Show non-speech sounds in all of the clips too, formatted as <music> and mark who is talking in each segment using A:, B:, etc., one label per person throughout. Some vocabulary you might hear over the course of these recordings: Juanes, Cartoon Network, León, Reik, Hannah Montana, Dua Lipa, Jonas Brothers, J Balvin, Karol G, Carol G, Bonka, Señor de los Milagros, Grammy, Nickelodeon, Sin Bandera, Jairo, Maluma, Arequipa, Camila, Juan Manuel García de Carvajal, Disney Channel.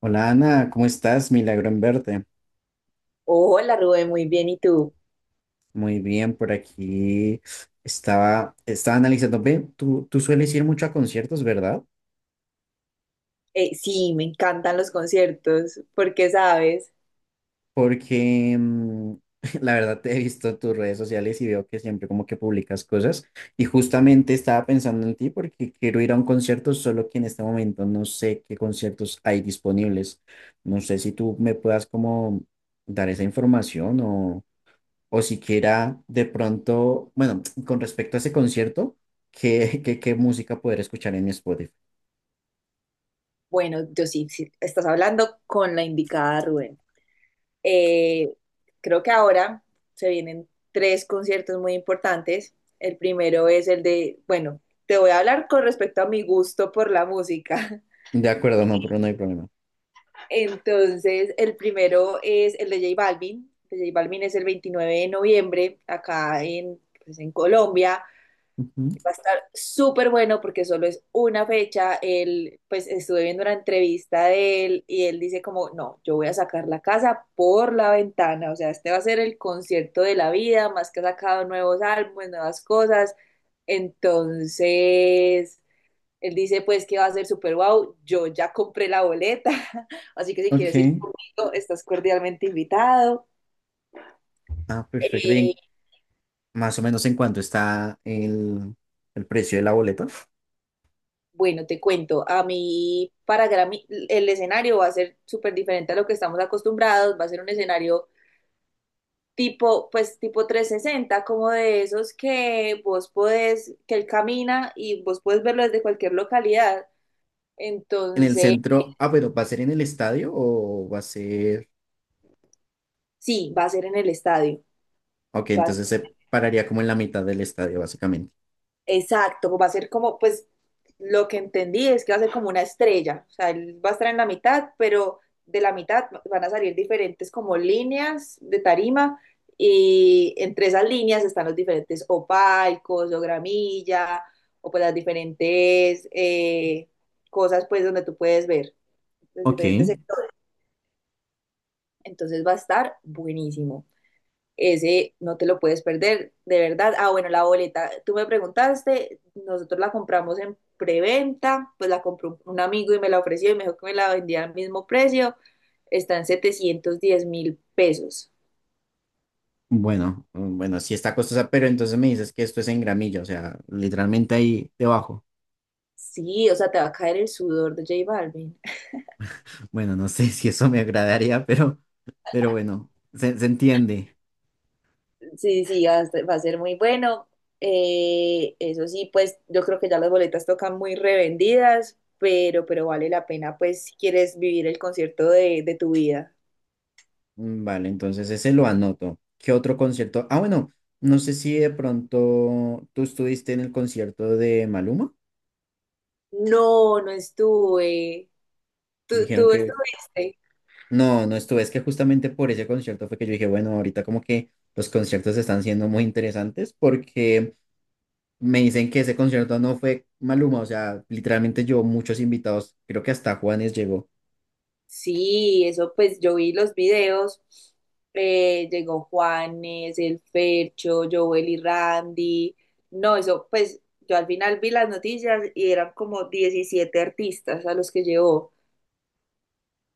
A: Hola Ana, ¿cómo estás? Milagro en verte.
B: Hola Rubén, muy bien. ¿Y tú?
A: Muy bien, por aquí estaba analizando. Ve, tú sueles ir mucho a conciertos, ¿verdad?
B: Sí, me encantan los conciertos, porque sabes,
A: Porque <laughs> la verdad te he visto en tus redes sociales y veo que siempre como que publicas cosas. Y justamente estaba pensando en ti porque quiero ir a un concierto, solo que en este momento no sé qué conciertos hay disponibles. No sé si tú me puedas como dar esa información o siquiera de pronto, bueno, con respecto a ese concierto, ¿qué música poder escuchar en mi Spotify?
B: bueno, yo sí, estás hablando con la indicada, Rubén. Eh, Creo que ahora se vienen tres conciertos muy importantes. El primero es el de, bueno, te voy a hablar con respecto a mi gusto por la música.
A: De acuerdo, no, pero no hay problema.
B: <laughs> Entonces, el primero es el de J Balvin. El de J Balvin es el 29 de noviembre, acá en, pues, en Colombia.
A: Ujú.
B: Va a estar súper bueno porque solo es una fecha. Él, pues estuve viendo una entrevista de él y él dice como, no, yo voy a sacar la casa por la ventana. O sea, este va a ser el concierto de la vida, más que ha sacado nuevos álbumes, nuevas cosas. Entonces, él dice pues que va a ser súper guau. Yo ya compré la boleta, <laughs> así que si
A: Ok,
B: quieres ir conmigo, estás cordialmente invitado.
A: ah, perfecto.
B: Eh,
A: Y más o menos en cuánto está el precio de la boleta.
B: Bueno, te cuento, a mí para Grammy el escenario va a ser súper diferente a lo que estamos acostumbrados, va a ser un escenario tipo, pues tipo 360, como de esos que vos podés, que él camina y vos podés verlo desde cualquier localidad.
A: En el
B: Entonces,
A: centro, ah, pero ¿va a ser en el estadio o va a ser?
B: sí, va a ser en el estadio.
A: Ok, entonces se pararía como en la mitad del estadio, básicamente.
B: Exacto, va a ser como, pues, lo que entendí es que va a ser como una estrella, o sea, él va a estar en la mitad, pero de la mitad van a salir diferentes como líneas de tarima y entre esas líneas están los diferentes o palcos o gramilla o pues las diferentes cosas pues donde tú puedes ver, los
A: Ok,
B: diferentes. Entonces va a estar buenísimo. Ese no te lo puedes perder, de verdad. Ah, bueno, la boleta, tú me preguntaste, nosotros la compramos en preventa, pues la compró un amigo y me la ofreció y me dijo que me la vendía al mismo precio, está en 710.000 pesos.
A: bueno, bueno, sí está costosa, pero entonces me dices que esto es en gramilla, o sea, literalmente ahí debajo.
B: Sí, o sea, te va a caer el sudor de J Balvin.
A: Bueno, no sé <laughs> si eso me agradaría, pero, bueno, se entiende.
B: Sí, sí, va a ser muy bueno. Eso sí, pues yo creo que ya las boletas tocan muy revendidas, pero vale la pena, pues, si quieres vivir el concierto de tu vida.
A: Vale, entonces ese lo anoto. ¿Qué otro concierto? Ah, bueno, no sé si de pronto tú estuviste en el concierto de Maluma.
B: No, no estuve. ¿Tú,
A: Dijeron
B: tú
A: que…
B: estuviste?
A: No, no estuve. Es que justamente por ese concierto fue que yo dije, bueno, ahorita como que los conciertos están siendo muy interesantes porque me dicen que ese concierto no fue Maluma. O sea, literalmente yo, muchos invitados, creo que hasta Juanes llegó.
B: Sí, eso pues yo vi los videos. Llegó Juanes, el Fercho, Joel y Randy. No, eso pues yo al final vi las noticias y eran como 17 artistas a los que llevó.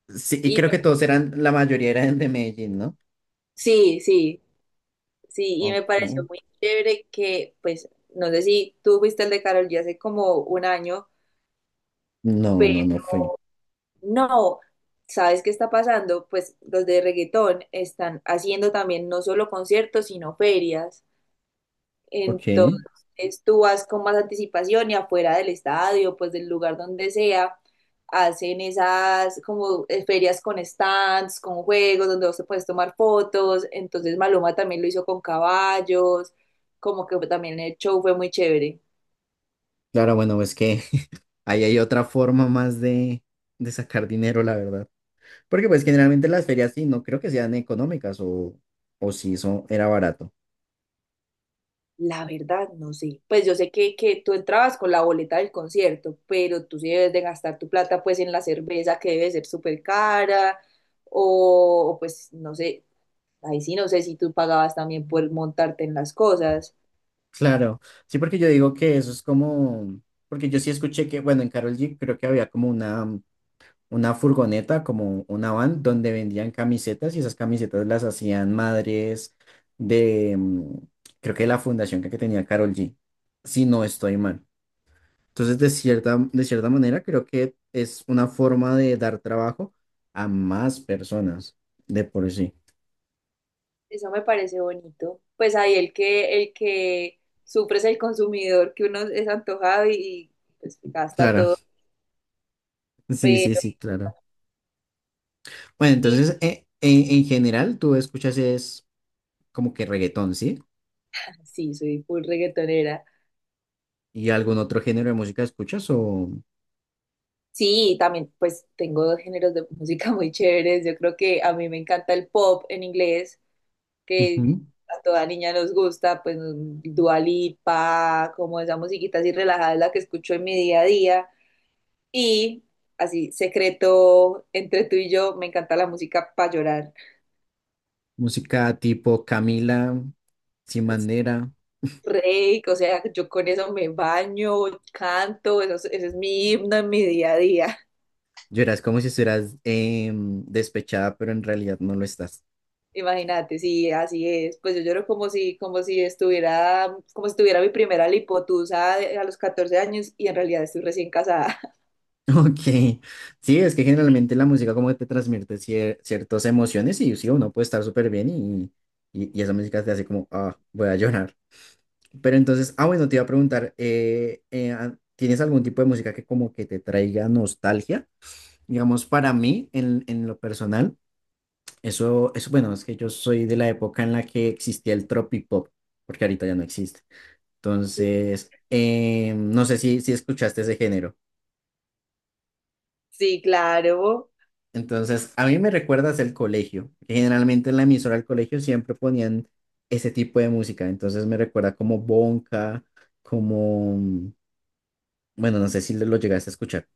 A: Sí, y
B: Y
A: creo que todos eran, la mayoría eran de Medellín, ¿no?
B: sí, sí, sí, y me pareció
A: Ok.
B: muy chévere que pues no sé si tú fuiste el de Karol G hace como un año.
A: No, no, no fui.
B: No, ¿sabes qué está pasando? Pues los de reggaetón están haciendo también no solo conciertos, sino ferias.
A: Ok.
B: Entonces tú vas con más anticipación y afuera del estadio, pues del lugar donde sea, hacen esas como ferias con stands, con juegos donde vos te puedes tomar fotos. Entonces Maluma también lo hizo con caballos, como que también el show fue muy chévere.
A: Claro, bueno, es que <laughs> ahí hay otra forma más de sacar dinero, la verdad. Porque pues generalmente las ferias sí, no creo que sean económicas o si eso era barato.
B: La verdad, no sé. Pues yo sé que tú entrabas con la boleta del concierto, pero tú sí debes de gastar tu plata pues en la cerveza que debe ser súper cara, o, pues no sé, ahí sí no sé si tú pagabas también por montarte en las cosas.
A: Claro, sí, porque yo digo que eso es como, porque yo sí escuché que, bueno, en Carol G creo que había como una furgoneta, como una van, donde vendían camisetas y esas camisetas las hacían madres de, mm, creo que de la fundación que tenía Carol G, si no estoy mal. Entonces, de cierta manera, creo que es una forma de dar trabajo a más personas de por sí.
B: Eso me parece bonito. Pues ahí el que sufre es el consumidor, que uno es antojado y, pues gasta
A: Claro,
B: todo.
A: sí, sí,
B: Pero
A: sí, claro. Bueno,
B: y-
A: entonces, en general, tú escuchas es como que reggaetón, ¿sí?
B: ah, sí, soy full reggaetonera.
A: ¿Y algún otro género de música escuchas o?
B: Sí, también pues tengo dos géneros de música muy chéveres. Yo creo que a mí me encanta el pop en inglés, que
A: Ujú.
B: a toda niña nos gusta, pues Dua Lipa, como esa musiquita así relajada es la que escucho en mi día a día. Y así, secreto entre tú y yo, me encanta la música para llorar.
A: ¿Música tipo Camila, Sin
B: Es
A: Bandera?
B: Rey, o sea, yo con eso me baño, canto, eso, ese es mi himno en mi día a día.
A: Lloras como si estuvieras despechada, pero en realidad no lo estás.
B: Imagínate, sí, así es. Pues yo lloro como si estuviera, como si tuviera mi primera lipotusa a los 14 años y en realidad estoy recién casada.
A: <laughs> Ok, sí, es que generalmente la música como que te transmite ciertas emociones y sí, uno puede estar súper bien y, y esa música te hace como, ah, voy a llorar. Pero entonces, ah, bueno, te iba a preguntar, ¿tienes algún tipo de música que como que te traiga nostalgia? Digamos, para mí, en lo personal, eso, bueno, es que yo soy de la época en la que existía el tropipop, porque ahorita ya no existe.
B: <laughs>
A: Entonces, no sé si escuchaste ese género.
B: Sí, claro.
A: Entonces, a mí me recuerdas el colegio que generalmente en la emisora del colegio siempre ponían ese tipo de música. Entonces me recuerda como Bonka, como, bueno, no sé si lo llegaste a escuchar.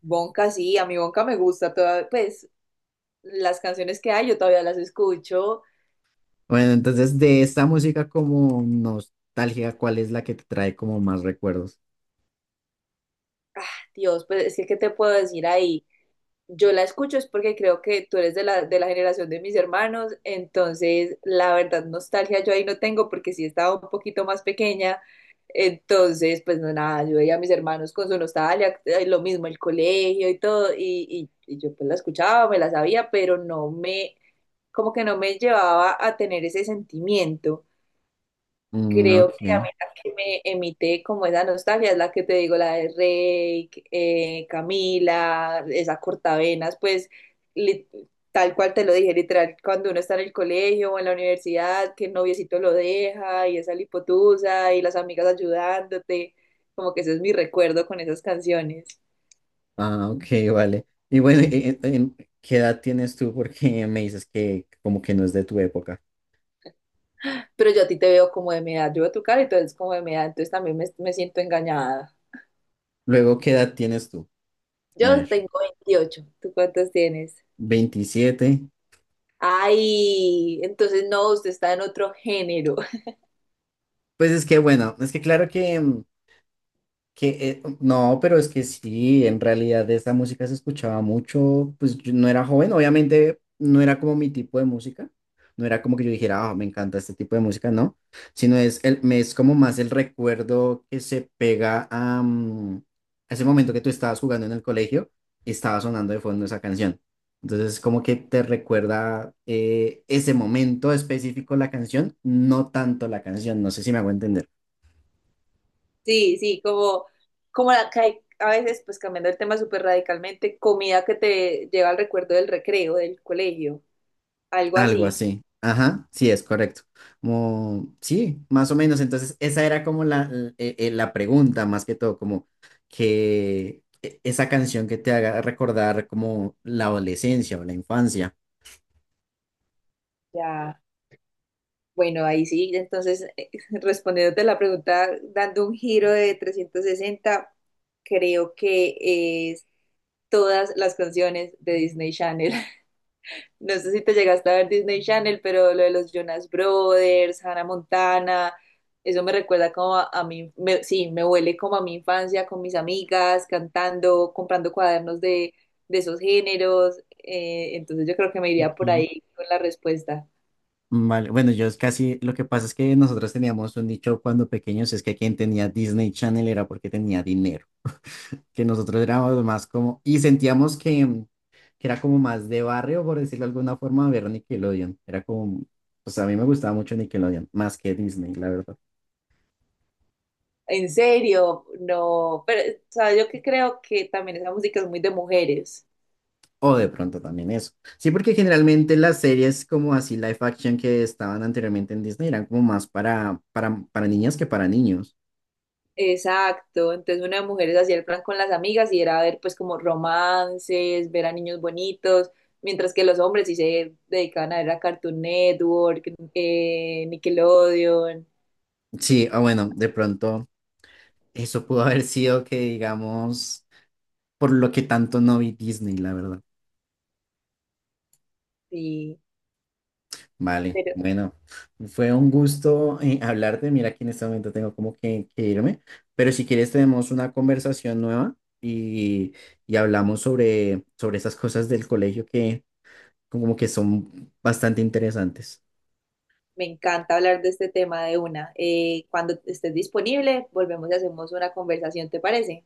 B: Bonca, sí, a mi Bonca me gusta toda, pues las canciones que hay yo todavía las escucho.
A: Bueno, entonces de esta música como nostalgia, ¿cuál es la que te trae como más recuerdos?
B: Dios, pues es que, ¿qué te puedo decir ahí? Yo la escucho es porque creo que tú eres de la generación de mis hermanos, entonces la verdad nostalgia yo ahí no tengo porque sí estaba un poquito más pequeña, entonces pues no nada, yo veía a mis hermanos con su nostalgia, lo mismo el colegio y todo, y yo pues la escuchaba, me la sabía, pero no me, como que no me llevaba a tener ese sentimiento.
A: Mm,
B: Creo
A: ok.
B: que a mí la que me emite como esa nostalgia es la que te digo, la de Reik, Camila, esa cortavenas, pues li- tal cual te lo dije, literal, cuando uno está en el colegio o en la universidad, que el noviecito lo deja y esa lipotusa y las amigas ayudándote, como que ese es mi recuerdo con esas canciones.
A: Ah, ok, vale. Y bueno, ¿qué edad tienes tú? Porque me dices que como que no es de tu época.
B: Pero yo a ti te veo como de mi edad, yo veo tu cara y tú eres como de mi edad, entonces también me siento engañada.
A: Luego, ¿qué edad tienes tú? A
B: Yo
A: ver,
B: tengo 28. ¿Tú cuántos tienes?
A: 27.
B: Ay, entonces no, usted está en otro género. <laughs>
A: Pues es que bueno, es que claro que, que no, pero es que sí, en realidad esa música se escuchaba mucho, pues yo no era joven, obviamente no era como mi tipo de música, no era como que yo dijera, ah, me encanta este tipo de música, no, sino es, es como más el recuerdo que se pega a ese momento que tú estabas jugando en el colegio y estaba sonando de fondo esa canción. Entonces como que te recuerda ese momento específico la canción, no tanto la canción, no sé si me hago entender.
B: Sí, sí, como, como la que hay, a veces, pues cambiando el tema súper radicalmente, comida que te lleva al recuerdo del recreo, del colegio, algo
A: Algo
B: así.
A: así. Ajá, sí, es correcto. Como, sí, más o menos. Entonces, esa era como la pregunta, más que todo, como que esa canción que te haga recordar como la adolescencia o la infancia.
B: Ya, bueno, ahí sí, entonces <laughs> respondiéndote la pregunta, dando un giro de 360, creo que es todas las canciones de Disney Channel. No sé si te llegaste a ver Disney Channel, pero lo de los Jonas Brothers, Hannah Montana, eso me recuerda como a mí, sí, me huele como a mi infancia con mis amigas, cantando, comprando cuadernos de esos géneros. Entonces yo creo que me iría
A: Ok.
B: por ahí con la respuesta.
A: Vale, bueno, yo es casi, lo que pasa es que nosotros teníamos un dicho cuando pequeños, es que quien tenía Disney Channel era porque tenía dinero, que nosotros éramos más como, y sentíamos que, era como más de barrio, por decirlo de alguna forma, ver Nickelodeon. Era como, pues a mí me gustaba mucho Nickelodeon, más que Disney, la verdad.
B: En serio, no, pero sabes yo que creo que también esa música es muy de mujeres.
A: O de pronto también eso. Sí, porque generalmente las series como así live action que estaban anteriormente en Disney eran como más para, para niñas que para niños.
B: Exacto, entonces una de mujeres hacía el plan con las amigas y era ver pues como romances, ver a niños bonitos, mientras que los hombres sí se dedicaban a ver a Cartoon Network, Nickelodeon,
A: Sí, o bueno, de pronto eso pudo haber sido que digamos, por lo que tanto no vi Disney, la verdad.
B: sí,
A: Vale,
B: pero
A: bueno, fue un gusto hablarte. Mira que en este momento tengo como que irme, pero si quieres tenemos una conversación nueva y, y, hablamos sobre estas cosas del colegio que como que son bastante interesantes.
B: me encanta hablar de este tema de una. Cuando estés disponible, volvemos y hacemos una conversación, ¿te parece?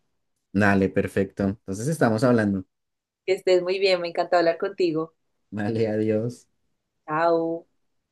A: Dale, perfecto. Entonces estamos hablando.
B: Que estés muy bien, me encanta hablar contigo.
A: Vale, adiós.
B: Chao.